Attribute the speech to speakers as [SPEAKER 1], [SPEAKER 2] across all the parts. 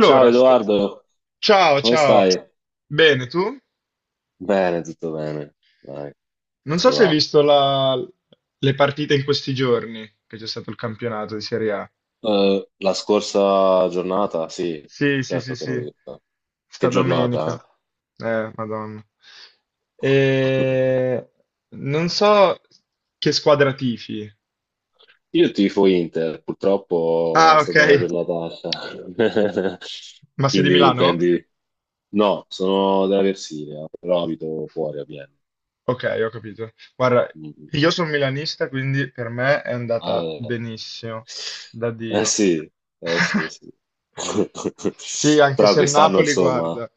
[SPEAKER 1] Ciao Edoardo,
[SPEAKER 2] ciao,
[SPEAKER 1] come
[SPEAKER 2] ciao.
[SPEAKER 1] stai?
[SPEAKER 2] Bene, tu?
[SPEAKER 1] Bene, tutto bene. Dai,
[SPEAKER 2] Non so
[SPEAKER 1] si
[SPEAKER 2] se hai
[SPEAKER 1] va.
[SPEAKER 2] visto le partite in questi giorni, che c'è stato il campionato di Serie A.
[SPEAKER 1] La scorsa giornata, sì,
[SPEAKER 2] Sì, sì, sì,
[SPEAKER 1] certo che l'ho
[SPEAKER 2] sì,
[SPEAKER 1] vista. Che
[SPEAKER 2] sta domenica.
[SPEAKER 1] giornata,
[SPEAKER 2] Madonna.
[SPEAKER 1] eh?
[SPEAKER 2] E... Non so che squadra tifi.
[SPEAKER 1] Io tifo Inter, purtroppo è
[SPEAKER 2] Ah, ok.
[SPEAKER 1] stata una giornataccia.
[SPEAKER 2] Ma sei di
[SPEAKER 1] Quindi
[SPEAKER 2] Milano?
[SPEAKER 1] prendi. No, sono della Versilia, però abito fuori a Vienna.
[SPEAKER 2] Ok, ho capito. Guarda,
[SPEAKER 1] Mm.
[SPEAKER 2] io sono milanista, quindi per me è
[SPEAKER 1] Ah,
[SPEAKER 2] andata
[SPEAKER 1] eh.
[SPEAKER 2] benissimo, da
[SPEAKER 1] Eh
[SPEAKER 2] Dio.
[SPEAKER 1] sì, eh sì, sì.
[SPEAKER 2] Sì, anche
[SPEAKER 1] Però
[SPEAKER 2] se il
[SPEAKER 1] quest'anno,
[SPEAKER 2] Napoli,
[SPEAKER 1] insomma,
[SPEAKER 2] guarda,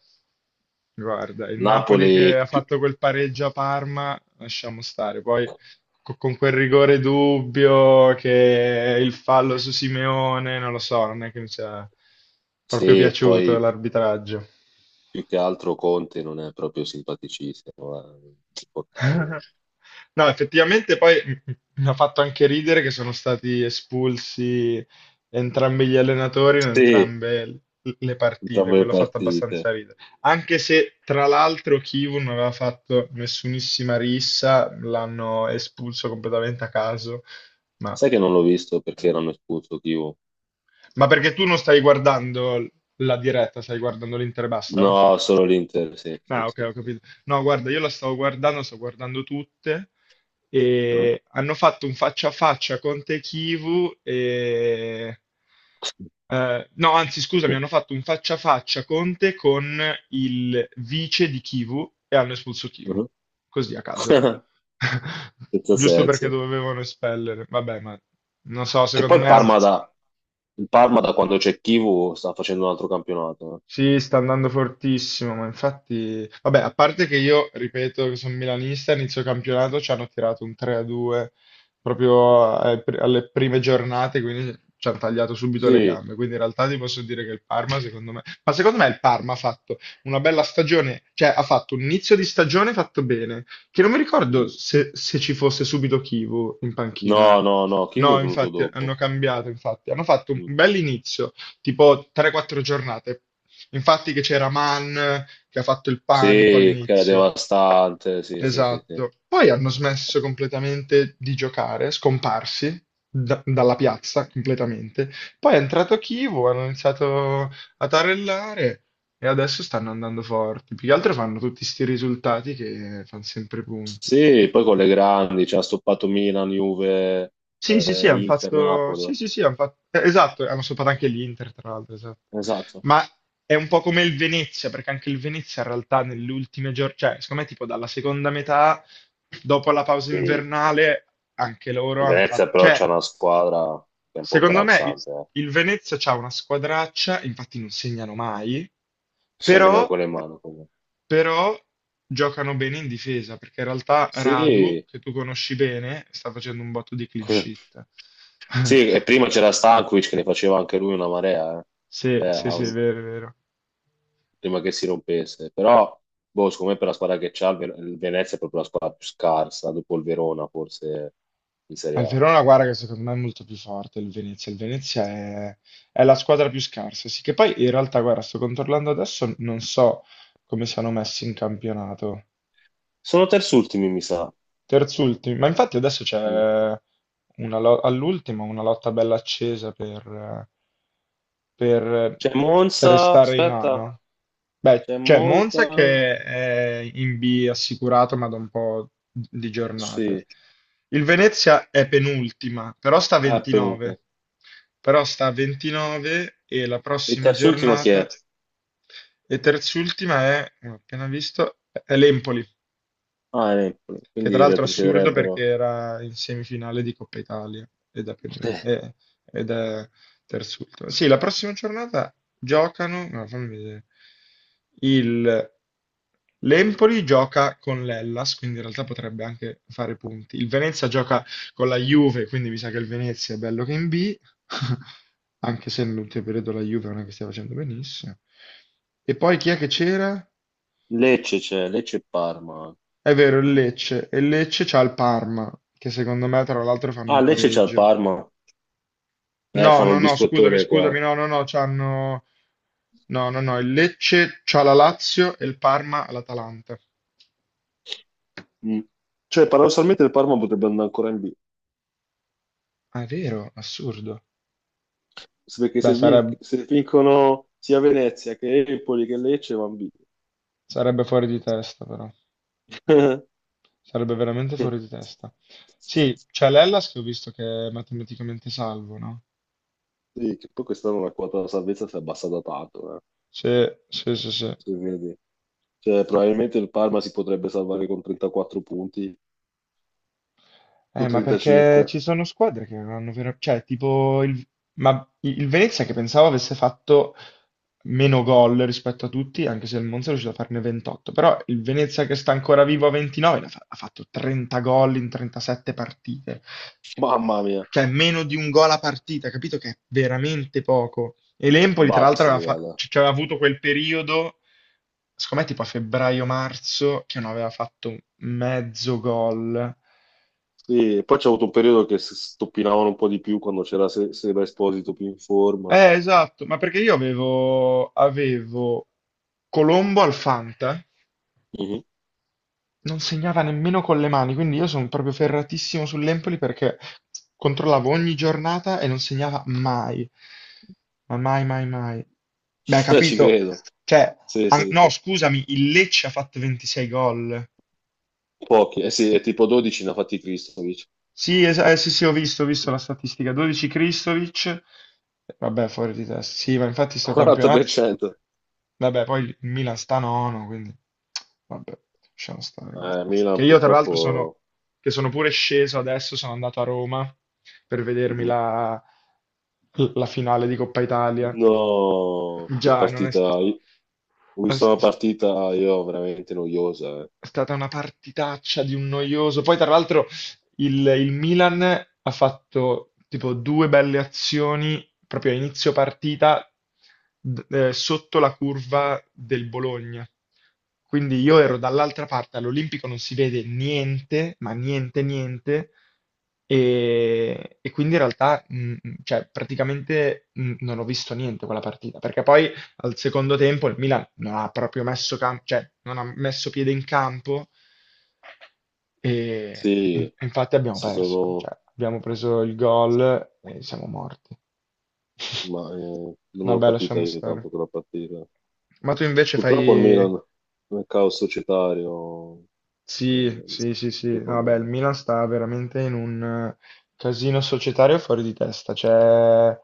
[SPEAKER 2] guarda, il Napoli
[SPEAKER 1] Napoli.
[SPEAKER 2] che ha fatto quel pareggio a Parma, lasciamo stare. Poi con quel rigore dubbio che il fallo su Simeone, non lo so, non è che mi sia proprio
[SPEAKER 1] Sì,
[SPEAKER 2] piaciuto
[SPEAKER 1] poi
[SPEAKER 2] l'arbitraggio.
[SPEAKER 1] più che altro Conte non è proprio simpaticissimo, è insopportabile.
[SPEAKER 2] No, effettivamente poi mi ha fatto anche ridere che sono stati espulsi entrambi gli allenatori in
[SPEAKER 1] Sì,
[SPEAKER 2] entrambe le partite,
[SPEAKER 1] entrambe le
[SPEAKER 2] quello ha fatto
[SPEAKER 1] partite.
[SPEAKER 2] abbastanza ridere. Anche se tra l'altro Kivu non aveva fatto nessunissima rissa, l'hanno espulso completamente a caso. Ma,
[SPEAKER 1] Sai che non l'ho visto perché erano espulso Chivu.
[SPEAKER 2] ma perché tu non stai guardando la diretta, stai guardando l'Inter e basta?
[SPEAKER 1] No, solo l'Inter, sì, sì,
[SPEAKER 2] Ah, ok,
[SPEAKER 1] sì,
[SPEAKER 2] ho
[SPEAKER 1] sì.
[SPEAKER 2] capito. No, guarda, io la stavo guardando, sto guardando tutte,
[SPEAKER 1] Mhm.
[SPEAKER 2] e hanno fatto un faccia a faccia con Te Chivu. Eh, no, anzi, scusami, hanno fatto un faccia a faccia Conte con il vice di Kivu e hanno espulso Kivu, così a caso.
[SPEAKER 1] Senza
[SPEAKER 2] Giusto perché
[SPEAKER 1] senso.
[SPEAKER 2] dovevano espellere. Vabbè, ma non so,
[SPEAKER 1] Che
[SPEAKER 2] secondo
[SPEAKER 1] poi
[SPEAKER 2] me.
[SPEAKER 1] Il Parma da quando c'è Chivu sta facendo un altro campionato, eh.
[SPEAKER 2] Sì, sta andando fortissimo, ma infatti, vabbè, a parte che io, ripeto, che sono milanista, inizio campionato ci hanno tirato un 3-2 proprio ai alle prime giornate, quindi ci hanno tagliato subito le
[SPEAKER 1] Sì.
[SPEAKER 2] gambe. Quindi in realtà ti posso dire che il Parma, secondo me, ma secondo me il Parma ha fatto una bella stagione, cioè ha fatto un inizio di stagione fatto bene, che non mi ricordo
[SPEAKER 1] Mm.
[SPEAKER 2] se ci fosse subito Kivu in panchina.
[SPEAKER 1] No, no, no, Chivu è
[SPEAKER 2] No,
[SPEAKER 1] venuto
[SPEAKER 2] infatti, hanno
[SPEAKER 1] dopo.
[SPEAKER 2] cambiato, infatti. Hanno fatto un
[SPEAKER 1] Mm.
[SPEAKER 2] bell'inizio, tipo 3-4 giornate. Infatti che c'era Mann che ha fatto il panico
[SPEAKER 1] Sì, che era
[SPEAKER 2] all'inizio.
[SPEAKER 1] devastante, sì, sì, sì, sì.
[SPEAKER 2] Esatto. Poi hanno smesso completamente di giocare, scomparsi dalla piazza completamente. Poi è entrato Kivu, hanno iniziato a tarellare e adesso stanno andando forti. Più che altro fanno tutti sti risultati che fanno sempre punti.
[SPEAKER 1] Sì, poi con le grandi, cioè ha stoppato Milan, Juve,
[SPEAKER 2] Sì, sì, sì, hanno
[SPEAKER 1] Inter,
[SPEAKER 2] fatto.
[SPEAKER 1] Napoli.
[SPEAKER 2] Sì, sì, sì, hanno fatto. Esatto, hanno sopra anche l'Inter, tra l'altro, esatto.
[SPEAKER 1] Esatto.
[SPEAKER 2] Ma è un po' come il Venezia, perché anche il Venezia in realtà nelle ultime giornate, cioè, secondo me, tipo dalla seconda metà, dopo la pausa
[SPEAKER 1] Sì,
[SPEAKER 2] invernale, anche loro hanno fatto.
[SPEAKER 1] Venezia però
[SPEAKER 2] Cioè,
[SPEAKER 1] c'è una squadra che è un po'
[SPEAKER 2] secondo me il,
[SPEAKER 1] imbarazzante, eh.
[SPEAKER 2] il Venezia c'ha una squadraccia, infatti non segnano mai,
[SPEAKER 1] Cioè, nemmeno
[SPEAKER 2] però.
[SPEAKER 1] con le mani, comunque.
[SPEAKER 2] Però giocano bene in difesa, perché in realtà Radu,
[SPEAKER 1] Sì.
[SPEAKER 2] che tu conosci bene, sta facendo un botto di clean sheet.
[SPEAKER 1] Sì, e prima c'era Stankovic che ne faceva anche lui una marea, eh.
[SPEAKER 2] Sì,
[SPEAKER 1] Cioè,
[SPEAKER 2] sì, sì, è vero, è vero.
[SPEAKER 1] prima che si rompesse. Però, boh, secondo me per la squadra che c'ha, il Venezia è proprio la squadra più scarsa, dopo il Verona forse in Serie
[SPEAKER 2] Al
[SPEAKER 1] A.
[SPEAKER 2] Verona, guarda che secondo me è molto più forte il Venezia. Il Venezia è la squadra più scarsa. Sì, che poi in realtà, guarda, sto controllando adesso, non so come siano messi in campionato.
[SPEAKER 1] Sono terzultimi, mi sa.
[SPEAKER 2] Terzultimi, ma infatti adesso c'è una all'ultimo una lotta bella accesa per
[SPEAKER 1] C'è Monza,
[SPEAKER 2] restare in A, no?
[SPEAKER 1] aspetta,
[SPEAKER 2] Beh,
[SPEAKER 1] c'è
[SPEAKER 2] c'è Monza
[SPEAKER 1] Monza,
[SPEAKER 2] che è in B assicurato, ma da un po' di giornate.
[SPEAKER 1] sì,
[SPEAKER 2] Il Venezia è penultima, però sta a
[SPEAKER 1] ah, è Perugia.
[SPEAKER 2] 29. Però sta a 29 e la
[SPEAKER 1] Il
[SPEAKER 2] prossima
[SPEAKER 1] terz'ultimo chi è?
[SPEAKER 2] giornata, e terzultima è, ho appena visto, è l'Empoli
[SPEAKER 1] Ah, è Empoli,
[SPEAKER 2] che tra
[SPEAKER 1] quindi
[SPEAKER 2] l'altro è assurdo perché
[SPEAKER 1] retrocederebbero.
[SPEAKER 2] era in semifinale di Coppa Italia ed è, penu- eh, ed è terzultimo. Sì, la prossima giornata giocano, no, fammi vedere. Il, l'Empoli gioca con l'Hellas, quindi in realtà potrebbe anche fare punti. Il Venezia gioca con la Juve, quindi mi sa che il Venezia è bello che in B, anche se nell'ultimo periodo la Juve non è che stia facendo benissimo. E poi chi è che c'era?
[SPEAKER 1] Lecce c'è, Lecce e Parma.
[SPEAKER 2] È vero, il Lecce. E il Lecce c'ha il Parma, che secondo me tra l'altro fanno
[SPEAKER 1] Ah,
[SPEAKER 2] un
[SPEAKER 1] Lecce c'è il
[SPEAKER 2] pareggio.
[SPEAKER 1] Parma.
[SPEAKER 2] No,
[SPEAKER 1] Fanno
[SPEAKER 2] no,
[SPEAKER 1] il
[SPEAKER 2] no, scusami,
[SPEAKER 1] biscottone qua.
[SPEAKER 2] scusami, no, no, no, c'hanno. No, no, no, il Lecce c'ha la Lazio e il Parma l'Atalanta.
[SPEAKER 1] Mm. Cioè, paradossalmente il Parma potrebbe andare ancora in B.
[SPEAKER 2] Ah, è vero, assurdo.
[SPEAKER 1] Perché
[SPEAKER 2] Beh,
[SPEAKER 1] se, vin- se vincono sia Venezia che Empoli che Lecce, va in B.
[SPEAKER 2] sarebbe fuori di testa, però. Sarebbe veramente fuori di testa. Sì, c'è l'Hellas che ho visto che è matematicamente salvo, no?
[SPEAKER 1] Sì, che poi quest'anno la quota della salvezza si è abbassata tanto,
[SPEAKER 2] Sì, sì, sì, sì.
[SPEAKER 1] se vedi. Cioè, probabilmente il Parma si potrebbe salvare con 34 punti o
[SPEAKER 2] Ma perché
[SPEAKER 1] 35.
[SPEAKER 2] ci sono squadre che non hanno vero. Cioè, tipo il. Ma il Venezia che pensavo avesse fatto meno gol rispetto a tutti, anche se il Monza è riuscito a farne 28, però il Venezia che sta ancora vivo a 29 ha fatto 30 gol in 37 partite.
[SPEAKER 1] Mamma mia,
[SPEAKER 2] Cioè, meno di un gol a partita, capito che è veramente poco. E l'Empoli, tra l'altro,
[SPEAKER 1] basta. Dybala.
[SPEAKER 2] cioè, aveva avuto quel periodo, secondo me tipo a febbraio-marzo, che non aveva fatto mezzo gol.
[SPEAKER 1] Sì, e poi c'è avuto un periodo che stoppinavano un po' di più quando c'era Seba Esposito più in forma.
[SPEAKER 2] Esatto, ma perché io avevo Colombo al Fanta,
[SPEAKER 1] Mhm.
[SPEAKER 2] non segnava nemmeno con le mani, quindi io sono proprio ferratissimo sull'Empoli perché controllavo ogni giornata e non segnava mai. Ma mai, mai, mai. Beh,
[SPEAKER 1] Ci
[SPEAKER 2] capito.
[SPEAKER 1] credo.
[SPEAKER 2] Cioè,
[SPEAKER 1] Sì, sì,
[SPEAKER 2] no,
[SPEAKER 1] sì.
[SPEAKER 2] scusami, il Lecce ha fatto 26 gol.
[SPEAKER 1] Pochi. Eh sì, è tipo 12 ne ha fatti Kristovic.
[SPEAKER 2] Sì, sì, sì, ho visto la statistica. 12 Kristovic. Vabbè, fuori di testa. Sì, ma infatti sto campionato.
[SPEAKER 1] 40%.
[SPEAKER 2] Vabbè, poi il Milan sta nono, quindi vabbè, lasciamo stare, guarda. Che
[SPEAKER 1] Milan
[SPEAKER 2] io tra l'altro sono,
[SPEAKER 1] purtroppo.
[SPEAKER 2] che sono pure sceso adesso, sono andato a Roma per vedermi
[SPEAKER 1] Mhm.
[SPEAKER 2] la finale di Coppa Italia.
[SPEAKER 1] No, che
[SPEAKER 2] Già, non è.
[SPEAKER 1] partita. Ho visto una partita io veramente noiosa, eh.
[SPEAKER 2] È stata una partitaccia di un noioso. Poi, tra l'altro, il Milan ha fatto tipo due belle azioni proprio a inizio partita sotto la curva del Bologna. Quindi io ero dall'altra parte, all'Olimpico non si vede niente, ma niente, niente. E quindi in realtà, cioè, praticamente non ho visto niente quella partita, perché poi al secondo tempo il Milan non ha proprio messo, cioè, non ha messo piede in campo e
[SPEAKER 1] Sì,
[SPEAKER 2] infatti abbiamo
[SPEAKER 1] si
[SPEAKER 2] perso.
[SPEAKER 1] sono
[SPEAKER 2] Cioè, abbiamo preso il gol e siamo morti.
[SPEAKER 1] ma non l'ho
[SPEAKER 2] Vabbè,
[SPEAKER 1] capita
[SPEAKER 2] lasciamo
[SPEAKER 1] io
[SPEAKER 2] stare.
[SPEAKER 1] tanto quella partita.
[SPEAKER 2] Ma tu invece
[SPEAKER 1] Purtroppo il
[SPEAKER 2] fai.
[SPEAKER 1] Milan, nel caos societario,
[SPEAKER 2] Sì,
[SPEAKER 1] non si
[SPEAKER 2] sì, sì, sì.
[SPEAKER 1] fa
[SPEAKER 2] No, beh, il
[SPEAKER 1] nulla.
[SPEAKER 2] Milan sta veramente in un eh, casino societario fuori di testa. C'è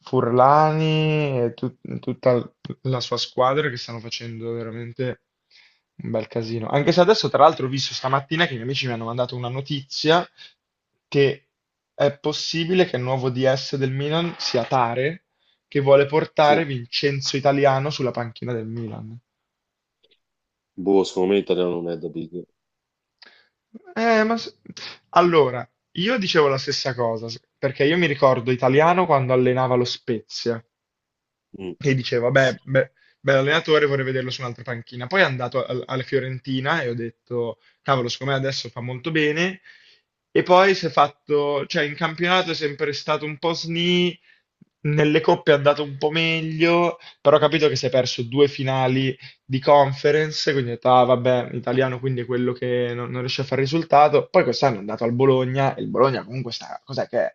[SPEAKER 2] Furlani e tutta la sua squadra che stanno facendo veramente un bel casino. Anche se adesso, tra l'altro, ho visto stamattina che i miei amici mi hanno mandato una notizia che è possibile che il nuovo DS del Milan sia Tare, che vuole portare
[SPEAKER 1] Sì,
[SPEAKER 2] Vincenzo Italiano sulla panchina del Milan.
[SPEAKER 1] boh, secondo me l'italiano non è da big.
[SPEAKER 2] Ma allora, io dicevo la stessa cosa, perché io mi ricordo Italiano quando allenava lo Spezia
[SPEAKER 1] Mm.
[SPEAKER 2] e dicevo, vabbè, bell'allenatore, vorrei vederlo su un'altra panchina. Poi è andato alla Fiorentina e ho detto, cavolo, secondo me adesso fa molto bene. E poi si è fatto, cioè in campionato è sempre stato un po' sni, nelle coppe è andato un po' meglio, però ho capito che si è perso due finali di conference, quindi ho detto, ah vabbè, italiano quindi è quello che non riesce a fare risultato. Poi quest'anno è andato al Bologna, e il Bologna comunque sta, cos'è che è?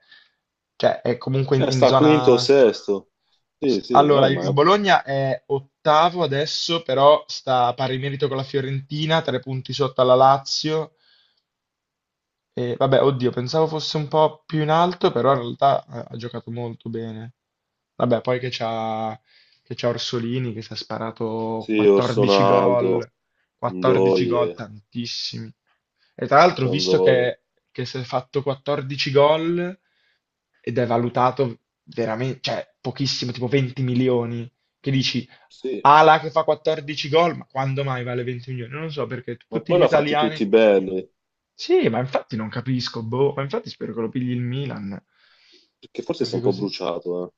[SPEAKER 2] Cioè è comunque in in
[SPEAKER 1] Sta quinto o
[SPEAKER 2] zona.
[SPEAKER 1] sesto. Sì, sì,
[SPEAKER 2] Allora,
[SPEAKER 1] vabbè, ma
[SPEAKER 2] il Bologna è ottavo adesso, però sta a pari merito con la Fiorentina, tre punti sotto alla Lazio. E, vabbè, oddio, pensavo fosse un po' più in alto, però in realtà ha giocato molto bene. Vabbè, poi che c'ha Orsolini che si è sparato
[SPEAKER 1] sì, Orson
[SPEAKER 2] 14
[SPEAKER 1] Aldo,
[SPEAKER 2] gol, 14 gol,
[SPEAKER 1] Ndoye,
[SPEAKER 2] tantissimi. E tra l'altro, ho visto
[SPEAKER 1] Ciandoia.
[SPEAKER 2] che si è fatto 14 gol ed è valutato veramente, cioè pochissimo, tipo 20 milioni, che dici
[SPEAKER 1] Sì,
[SPEAKER 2] Ala che fa 14 gol, ma quando mai vale 20 milioni? Non lo so perché
[SPEAKER 1] ma
[SPEAKER 2] tutti
[SPEAKER 1] poi
[SPEAKER 2] gli
[SPEAKER 1] l'ha fatti
[SPEAKER 2] italiani.
[SPEAKER 1] tutti belli,
[SPEAKER 2] Sì, ma infatti non capisco, boh, ma infatti spero che lo pigli il Milan.
[SPEAKER 1] perché forse si è
[SPEAKER 2] Perché
[SPEAKER 1] un po'
[SPEAKER 2] così?
[SPEAKER 1] bruciato,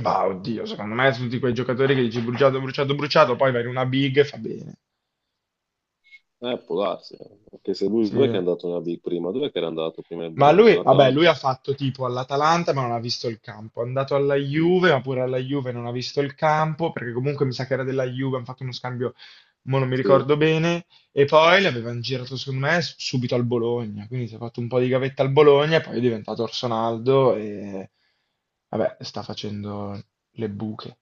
[SPEAKER 2] Ma oddio, secondo me tutti quei giocatori che dici bruciato, bruciato, bruciato, poi vai in una big e fa bene.
[SPEAKER 1] eh. Può darsi, eh. Perché se lui, dov'è che è
[SPEAKER 2] Sì.
[SPEAKER 1] andato nella big prima? Dov'è che era andato prima il
[SPEAKER 2] Ma
[SPEAKER 1] Bologna?
[SPEAKER 2] lui, vabbè, lui
[SPEAKER 1] All'Atalanta?
[SPEAKER 2] ha fatto tipo all'Atalanta ma non ha visto il campo, è andato alla
[SPEAKER 1] Mm.
[SPEAKER 2] Juve ma pure alla Juve non ha visto il campo, perché comunque mi sa che era della Juve, hanno fatto uno scambio, ma non mi
[SPEAKER 1] Sì.
[SPEAKER 2] ricordo bene, e poi l'avevano girato secondo me subito al Bologna, quindi si è fatto un po' di gavetta al Bologna e poi è diventato Orsonaldo e vabbè, sta facendo le buche,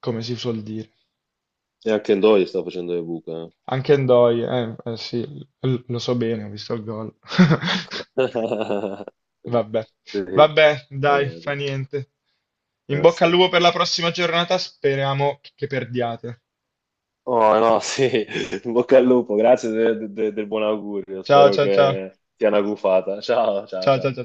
[SPEAKER 2] come si suol dire.
[SPEAKER 1] E anche Ndoye sta facendo le buche, eh.
[SPEAKER 2] Anche Ndoye, eh sì, lo so bene, ho visto il gol. Vabbè,
[SPEAKER 1] Sì,
[SPEAKER 2] vabbè,
[SPEAKER 1] lo
[SPEAKER 2] dai, fa
[SPEAKER 1] vedo.
[SPEAKER 2] niente. In bocca al
[SPEAKER 1] Sì.
[SPEAKER 2] lupo per la prossima giornata, speriamo che perdiate.
[SPEAKER 1] Oh, no, sì. In bocca al lupo, grazie del buon augurio.
[SPEAKER 2] Ciao,
[SPEAKER 1] Spero
[SPEAKER 2] ciao, ciao.
[SPEAKER 1] che sia una gufata. Ciao, ciao,
[SPEAKER 2] Ciao, ciao,
[SPEAKER 1] ciao.
[SPEAKER 2] ciao.